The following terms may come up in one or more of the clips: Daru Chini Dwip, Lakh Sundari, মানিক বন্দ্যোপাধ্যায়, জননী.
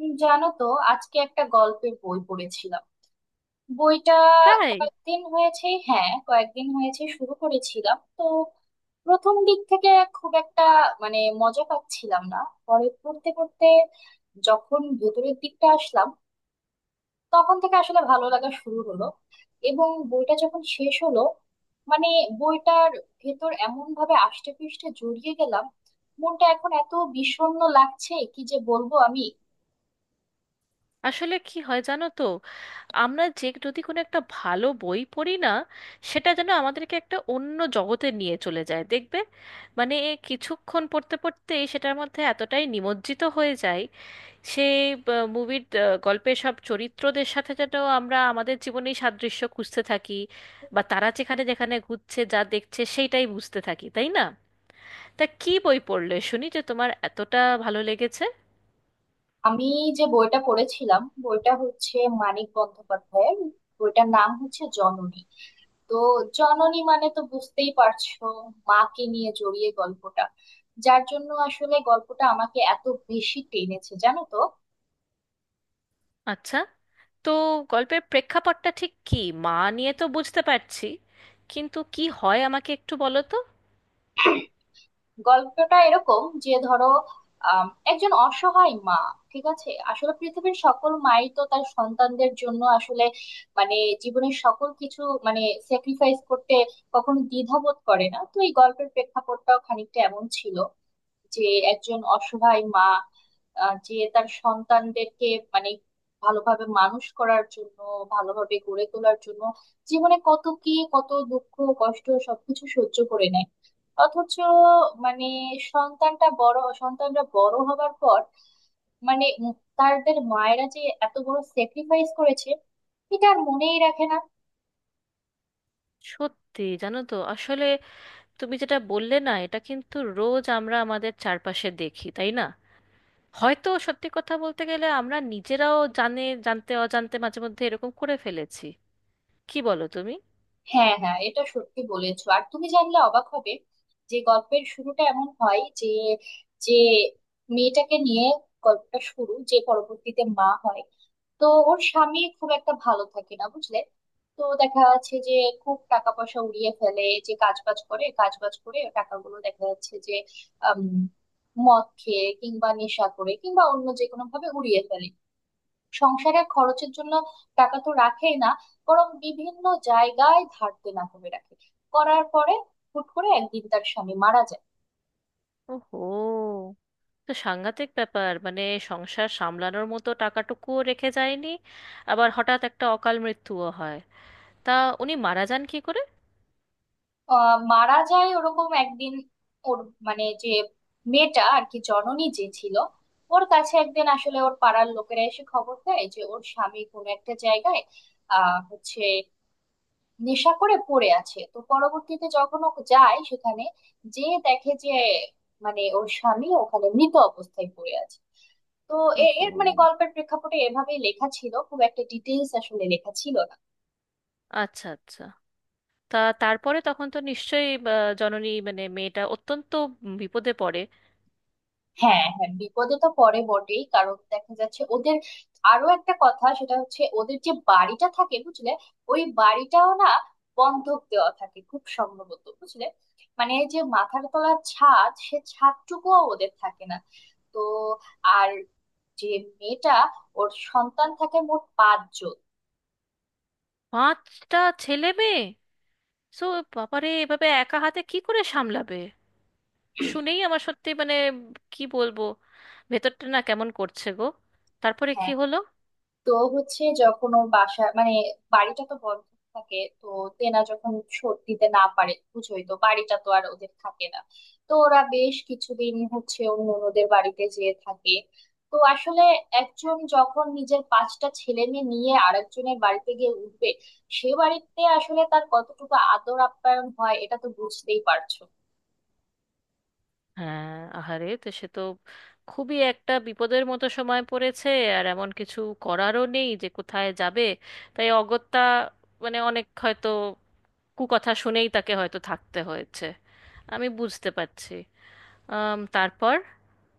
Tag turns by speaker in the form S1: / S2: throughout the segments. S1: জানো তো, আজকে একটা গল্পের বই পড়েছিলাম। বইটা
S2: তাই।
S1: কয়েকদিন হয়েছে, হ্যাঁ কয়েকদিন হয়েছে শুরু করেছিলাম তো। প্রথম দিক থেকে খুব একটা মানে মজা পাচ্ছিলাম না। পরে পড়তে পড়তে যখন ভেতরের দিকটা আসলাম, তখন থেকে আসলে ভালো লাগা শুরু হলো। এবং বইটা যখন শেষ হলো, মানে বইটার ভেতর এমন ভাবে আষ্টে পৃষ্ঠে জড়িয়ে গেলাম, মনটা এখন এত বিষণ্ণ লাগছে কি যে বলবো আমি।
S2: আসলে কি হয় জানো তো, আমরা যে যদি কোনো একটা ভালো বই পড়ি না, সেটা যেন আমাদেরকে একটা অন্য জগতে নিয়ে চলে যায় দেখবে। মানে কিছুক্ষণ পড়তে পড়তে সেটার মধ্যে এতটাই নিমজ্জিত হয়ে যায়, সেই মুভির, গল্পের সব চরিত্রদের সাথে যেন আমরা আমাদের জীবনেই সাদৃশ্য খুঁজতে থাকি, বা তারা যেখানে যেখানে ঘুরছে যা দেখছে সেইটাই বুঝতে থাকি, তাই না? তা কি বই পড়লে শুনি যে তোমার এতটা ভালো লেগেছে?
S1: আমি যে বইটা পড়েছিলাম বইটা হচ্ছে মানিক বন্দ্যোপাধ্যায়ের। বইটার নাম হচ্ছে জননী। তো জননী মানে তো বুঝতেই পারছো, মাকে নিয়ে জড়িয়ে গল্পটা, যার জন্য আসলে গল্পটা আমাকে এত বেশি টেনেছে জানো তো।
S2: আচ্ছা, তো গল্পের প্রেক্ষাপটটা ঠিক কি? মা নিয়ে তো বুঝতে পারছি, কিন্তু কি হয় আমাকে একটু বলো তো।
S1: গল্পটা এরকম যে ধরো, একজন অসহায় মা, ঠিক আছে, আসলে পৃথিবীর সকল মাই তো তার সন্তানদের জন্য আসলে, মানে জীবনের সকল কিছু, মানে স্যাক্রিফাইস করতে কখনো দ্বিধাবোধ করে না। তো এই গল্পের প্রেক্ষাপটটাও খানিকটা এমন ছিল যে একজন অসহায় মা, যে তার সন্তানদেরকে, মানে ভালোভাবে মানুষ করার জন্য, ভালোভাবে গড়ে তোলার জন্য জীবনে কত কি, কত দুঃখ কষ্ট সবকিছু সহ্য করে নেয়। অথচ মানে সন্তানটা বড়, সন্তানরা বড় হবার পর, মানে তাদের মায়েরা যে এত বড় স্যাক্রিফাইস করেছে, এটা আর মনেই রাখে না।
S2: সত্যি জানো তো আসলে, তুমি যেটা বললে না, এটা কিন্তু রোজ আমরা আমাদের চারপাশে দেখি, তাই না? হয়তো সত্যি কথা বলতে গেলে আমরা নিজেরাও জানে জানতে অজান্তে মাঝে মধ্যে এরকম করে ফেলেছি, কি বলো তুমি?
S1: হ্যাঁ হ্যাঁ এটা সত্যি বলেছো। আর তুমি জানলে অবাক হবে যে গল্পের শুরুটা এমন হয় যে যে মেয়েটাকে নিয়ে গল্পটা শুরু, যে পরবর্তীতে মা হয়। তো ওর স্বামী খুব একটা ভালো থাকে না বুঝলে। তো দেখা যাচ্ছে যে খুব টাকা পয়সা উড়িয়ে ফেলে, যে কাজ বাজ করে কাজ বাজ করে টাকাগুলো দেখা যাচ্ছে যে আম, মদ খেয়ে কিংবা নেশা করে কিংবা অন্য যে কোনো ভাবে উড়িয়ে ফেলে। সংসারের খরচের জন্য টাকা তো রাখেই না, বরং বিভিন্ন জায়গায় ধার দেনা করে রাখে। করার পরে হুট করে একদিন তার স্বামী মারা যায়।
S2: ওহো, তো সাংঘাতিক ব্যাপার। মানে সংসার সামলানোর মতো টাকাটুকুও রেখে যায়নি, আবার হঠাৎ একটা অকাল মৃত্যুও হয়। তা উনি মারা যান কি করে?
S1: মারা যায় ওরকম একদিন। ওর, মানে যে মেয়েটা আর কি, জননী যে ছিল, ওর কাছে একদিন আসলে ওর পাড়ার লোকেরা এসে খবর দেয় যে ওর স্বামী কোনো একটা জায়গায় আহ হচ্ছে নেশা করে পড়ে আছে। তো পরবর্তীতে যখন ও যায় সেখানে, যে দেখে যে মানে ওর স্বামী ওখানে মৃত অবস্থায় পড়ে আছে। তো এ-
S2: ওহো।
S1: এর মানে গল্পের প্রেক্ষাপটে এভাবেই লেখা ছিল, খুব একটা ডিটেলস আসলে লেখা ছিল না।
S2: আচ্ছা আচ্ছা, তা তারপরে তখন তো নিশ্চয়ই জননী মানে মেয়েটা অত্যন্ত বিপদে পড়ে।
S1: হ্যাঁ হ্যাঁ বিপদে তো পড়ে বটেই, কারণ দেখা যাচ্ছে ওদের আরো একটা কথা, সেটা হচ্ছে ওদের যে বাড়িটা থাকে বুঝলে, ওই বাড়িটাও না বন্ধক দেওয়া থাকে খুব সম্ভবত বুঝলে। মানে এই যে মাথার তলার ছাদ, সে ছাদটুকুও ওদের থাকে না। তো আর যে মেয়েটা, ওর সন্তান থাকে মোট পাঁচজন।
S2: পাঁচটা ছেলে মেয়ে? সো বাবারে, এভাবে একা হাতে কি করে সামলাবে! শুনেই আমার সত্যি মানে কি বলবো, ভেতরটা না কেমন করছে গো। তারপরে কি
S1: হ্যাঁ
S2: হলো?
S1: তো হচ্ছে যখন ওর বাসা, মানে বাড়িটা তো বন্ধ থাকে তো, তেনা যখন শোধ দিতে না পারে বুঝোই তো, বাড়িটা তো আর ওদের থাকে না। তো ওরা বেশ কিছুদিন হচ্ছে ওর ননদের বাড়িতে যেয়ে থাকে। তো আসলে একজন যখন নিজের পাঁচটা ছেলে মেয়ে নিয়ে আরেকজনের বাড়িতে গিয়ে উঠবে, সে বাড়িতে আসলে তার কতটুকু আদর আপ্যায়ন হয় এটা তো বুঝতেই পারছো।
S2: হ্যাঁ, আহারে, তো সে তো খুবই একটা বিপদের মতো সময় পড়েছে। আর এমন কিছু করারও নেই যে কোথায় যাবে, তাই অগত্যা মানে অনেক হয়তো কুকথা শুনেই তাকে হয়তো থাকতে হয়েছে, আমি বুঝতে পারছি। তারপর?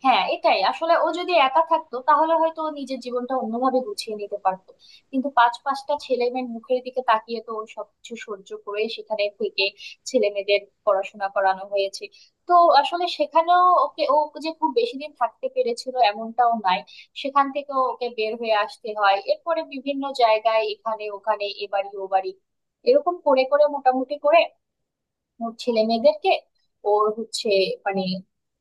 S1: হ্যাঁ এটাই আসলে, ও যদি একা থাকতো তাহলে হয়তো ও নিজের জীবনটা অন্যভাবে গুছিয়ে নিতে পারতো। কিন্তু পাঁচ পাঁচটা ছেলে মেয়ের মুখের দিকে তাকিয়ে তো ও সবকিছু সহ্য করে সেখানে থেকে ছেলে মেয়েদের পড়াশোনা করানো হয়েছে। তো আসলে সেখানেও ওকে, ও যে খুব বেশি দিন থাকতে পেরেছিল এমনটাও নাই। সেখান থেকে ওকে বের হয়ে আসতে হয়, এরপরে বিভিন্ন জায়গায় এখানে ওখানে এ বাড়ি ও বাড়ি, এরকম করে করে মোটামুটি করে ওর ছেলে মেয়েদেরকে, ওর হচ্ছে, মানে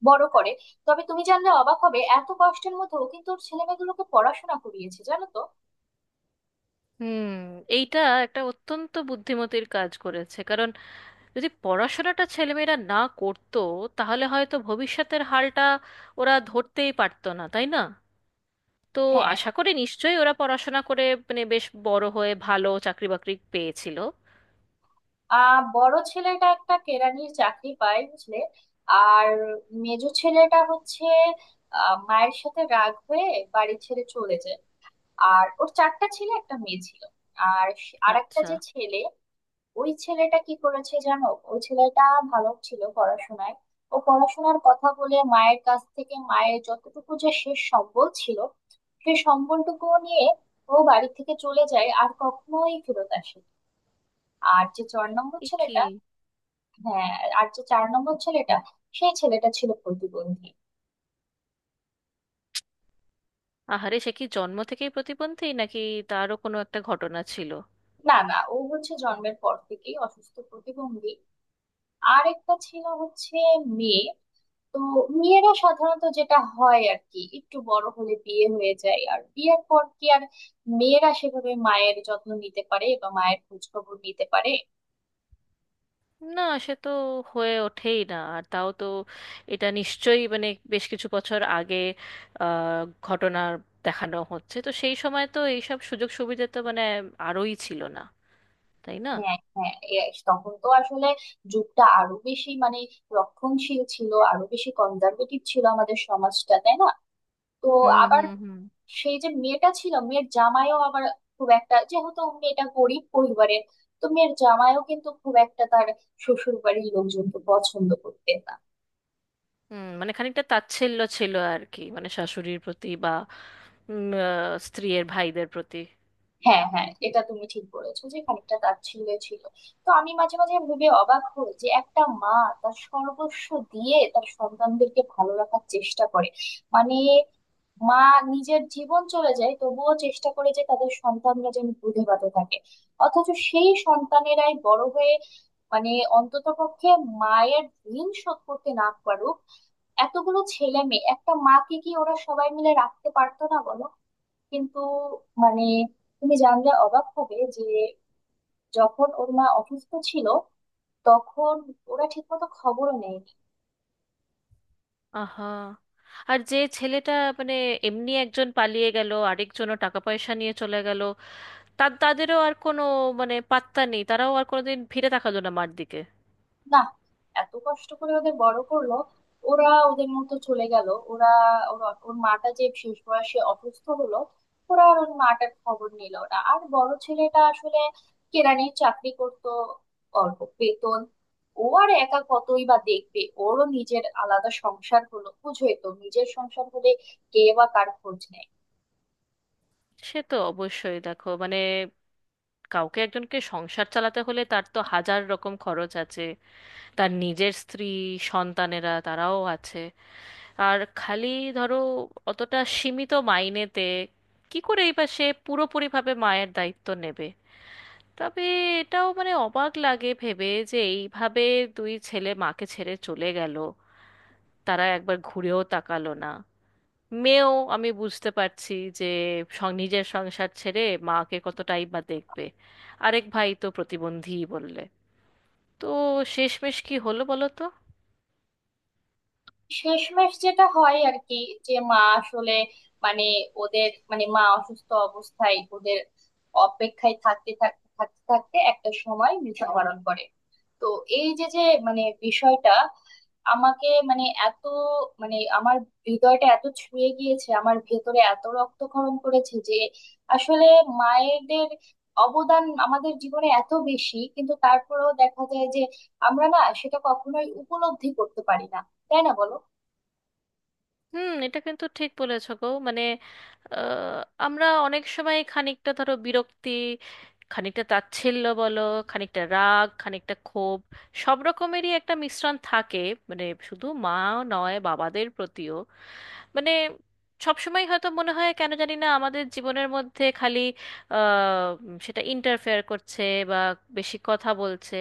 S1: বড় করে। তবে তুমি জানলে অবাক হবে, এত কষ্টের মধ্যেও কিন্তু ওর ছেলে মেয়েগুলোকে পড়াশোনা করিয়েছে জানো তো।
S2: হুম, এইটা একটা অত্যন্ত বুদ্ধিমতির কাজ করেছে, কারণ যদি পড়াশোনাটা ছেলেমেয়েরা না করতো, তাহলে হয়তো ভবিষ্যতের হালটা ওরা ধরতেই পারতো না, তাই না? তো
S1: হ্যাঁ,
S2: আশা করি নিশ্চয়ই ওরা পড়াশোনা করে মানে বেশ বড় হয়ে ভালো চাকরি বাকরি পেয়েছিল।
S1: বড় ছেলেটা একটা কেরানির চাকরি পায় বুঝলে। আর মেজো ছেলেটা হচ্ছে মায়ের সাথে রাগ হয়ে বাড়ি ছেড়ে চলে যায়। আর ওর চারটা ছেলে একটা মেয়ে ছিল। আর আরেকটা
S2: আচ্ছা।
S1: যে ছেলে, ওই ছেলেটা কি করেছে জানো, ওই ছেলেটা ভালো ছিল পড়াশোনায়। ও পড়াশোনার কথা বলে মায়ের কাছ থেকে মায়ের যতটুকু যে শেষ সম্বল ছিল, সেই সম্বলটুকু নিয়ে ও বাড়ি থেকে চলে যায় আর কখনোই ফেরত আসে। আর যে চার নম্বর
S2: এ কি!
S1: ছেলেটা, হ্যাঁ, আর যে চার নম্বর ছেলেটা, সেই ছেলেটা ছিল প্রতিবন্ধী।
S2: আহারে, সে কি জন্ম থেকেই প্রতিবন্ধী নাকি তারও কোনো একটা ঘটনা ছিল?
S1: না না, ও হচ্ছে জন্মের পর থেকেই অসুস্থ প্রতিবন্ধী। আর একটা ছিল হচ্ছে মেয়ে। তো মেয়েরা সাধারণত যেটা হয় আর কি, একটু বড় হলে বিয়ে হয়ে যায়, আর বিয়ের পর কি আর মেয়েরা সেভাবে মায়ের যত্ন নিতে পারে বা মায়ের খোঁজ খবর নিতে পারে।
S2: না, সে তো হয়ে ওঠেই না। আর তাও তো এটা নিশ্চয়ই মানে বেশ কিছু বছর আগে আহ, ঘটনার দেখানো হচ্ছে, তো সেই সময় তো এইসব সুযোগ সুবিধা তো মানে আরোই ছিল না, তাই না?
S1: হ্যাঁ হ্যাঁ, তখন তো আসলে যুগটা আরো বেশি মানে রক্ষণশীল ছিল, আরো বেশি কনজারভেটিভ ছিল আমাদের সমাজটা, তাই না। তো
S2: হুম
S1: আবার
S2: হুম হুম।
S1: সেই যে মেয়েটা ছিল, মেয়ের জামাইও আবার খুব একটা, যেহেতু মেয়েটা গরিব পরিবারের, তো মেয়ের জামাইও কিন্তু খুব একটা তার শ্বশুর বাড়ির লোকজনকে পছন্দ করতেন না।
S2: হুম, মানে খানিকটা তাচ্ছিল্য ছিল আর কি, মানে শাশুড়ির প্রতি, বা স্ত্রীয়ের ভাইদের প্রতি।
S1: হ্যাঁ হ্যাঁ এটা তুমি ঠিক বলেছো যে খানিকটা তাচ্ছিল্যে ছিল। তো আমি মাঝে মাঝে ভেবে অবাক হই, যে একটা মা তার সর্বস্ব দিয়ে তার সন্তানদেরকে ভালো রাখার চেষ্টা করে, মানে মা নিজের জীবন চলে যায় তবুও চেষ্টা করে যে তাদের সন্তানরা যেন দুধে ভাতে থাকে। অথচ সেই সন্তানেরাই বড় হয়ে, মানে অন্ততপক্ষে মায়ের ঋণ শোধ করতে না পারুক, এতগুলো ছেলে মেয়ে একটা মাকে কি ওরা সবাই মিলে রাখতে পারতো না বলো? কিন্তু মানে তুমি জানলে অবাক হবে যে যখন ওর মা অসুস্থ ছিল, তখন ওরা ঠিকমতো খবরও নেয়নি।
S2: আহা, আর যে ছেলেটা মানে এমনি একজন পালিয়ে গেল, আরেকজনও টাকা পয়সা নিয়ে চলে গেল। তা তাদেরও আর কোনো মানে পাত্তা নেই, তারাও আর কোনোদিন ফিরে তাকালো না মার দিকে।
S1: না, এত কষ্ট করে ওদের বড় করলো, ওরা ওদের মতো চলে গেল। ওরা, ওর, ওর মাটা যে শেষ বয়সে অসুস্থ হলো, ওরা আর ওর মাটার খবর নিল না। আর বড় ছেলেটা আসলে কেরানির চাকরি করত, অল্প বেতন, ও আর একা কতই বা দেখবে, ওরও নিজের আলাদা সংসার হলো, বুঝোই তো নিজের সংসার হলে কে বা কার খোঁজ নেয়।
S2: সে তো অবশ্যই, দেখো মানে কাউকে একজনকে সংসার চালাতে হলে তার তো হাজার রকম খরচ আছে। তার নিজের স্ত্রী, সন্তানেরা তারাও আছে। আর খালি ধরো অতটা সীমিত মাইনেতে কি করেই বা সে পুরোপুরিভাবে মায়ের দায়িত্ব নেবে। তবে এটাও মানে অবাক লাগে ভেবে যে এইভাবে দুই ছেলে মাকে ছেড়ে চলে গেল, তারা একবার ঘুরেও তাকালো না। মেয়েও আমি বুঝতে পারছি যে নিজের সংসার ছেড়ে মাকে কতটাই বা দেখবে। আরেক ভাই তো প্রতিবন্ধীই বললে। তো শেষমেশ কি হলো বলো তো?
S1: শেষমেশ যেটা হয় আর কি, যে মা আসলে মানে ওদের, মানে মা অসুস্থ অবস্থায় ওদের অপেক্ষায় থাকতে থাকতে থাকতে থাকতে একটা সময় মৃত্যুবরণ করে। তো এই যে, মানে বিষয়টা আমাকে মানে এত, মানে আমার হৃদয়টা এত ছুঁয়ে গিয়েছে, আমার ভেতরে এত রক্তক্ষরণ করেছে যে, আসলে মায়েদের অবদান আমাদের জীবনে এত বেশি, কিন্তু তারপরেও দেখা যায় যে আমরা না সেটা কখনোই উপলব্ধি করতে পারি না, তাই না বলো।
S2: হুম, এটা কিন্তু ঠিক বলেছো গো। মানে আহ, আমরা অনেক সময় খানিকটা ধরো বিরক্তি, খানিকটা তাচ্ছিল্য বলো, খানিকটা রাগ, খানিকটা ক্ষোভ, সব রকমেরই একটা মিশ্রণ থাকে। মানে শুধু মা নয়, বাবাদের প্রতিও মানে সবসময় হয়তো মনে হয় কেন জানি না আমাদের জীবনের মধ্যে খালি সেটা ইন্টারফেয়ার করছে বা বেশি কথা বলছে।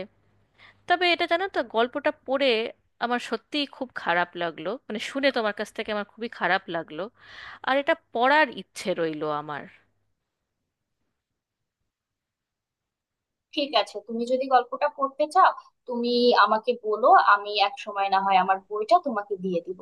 S2: তবে এটা জানো তো গল্পটা পড়ে আমার সত্যিই খুব খারাপ লাগলো, মানে শুনে তোমার কাছ থেকে আমার খুবই খারাপ লাগলো। আর এটা পড়ার ইচ্ছে রইলো আমার।
S1: ঠিক আছে, তুমি যদি গল্পটা পড়তে চাও, তুমি আমাকে বলো, আমি এক সময় না হয় আমার বইটা তোমাকে দিয়ে দিব।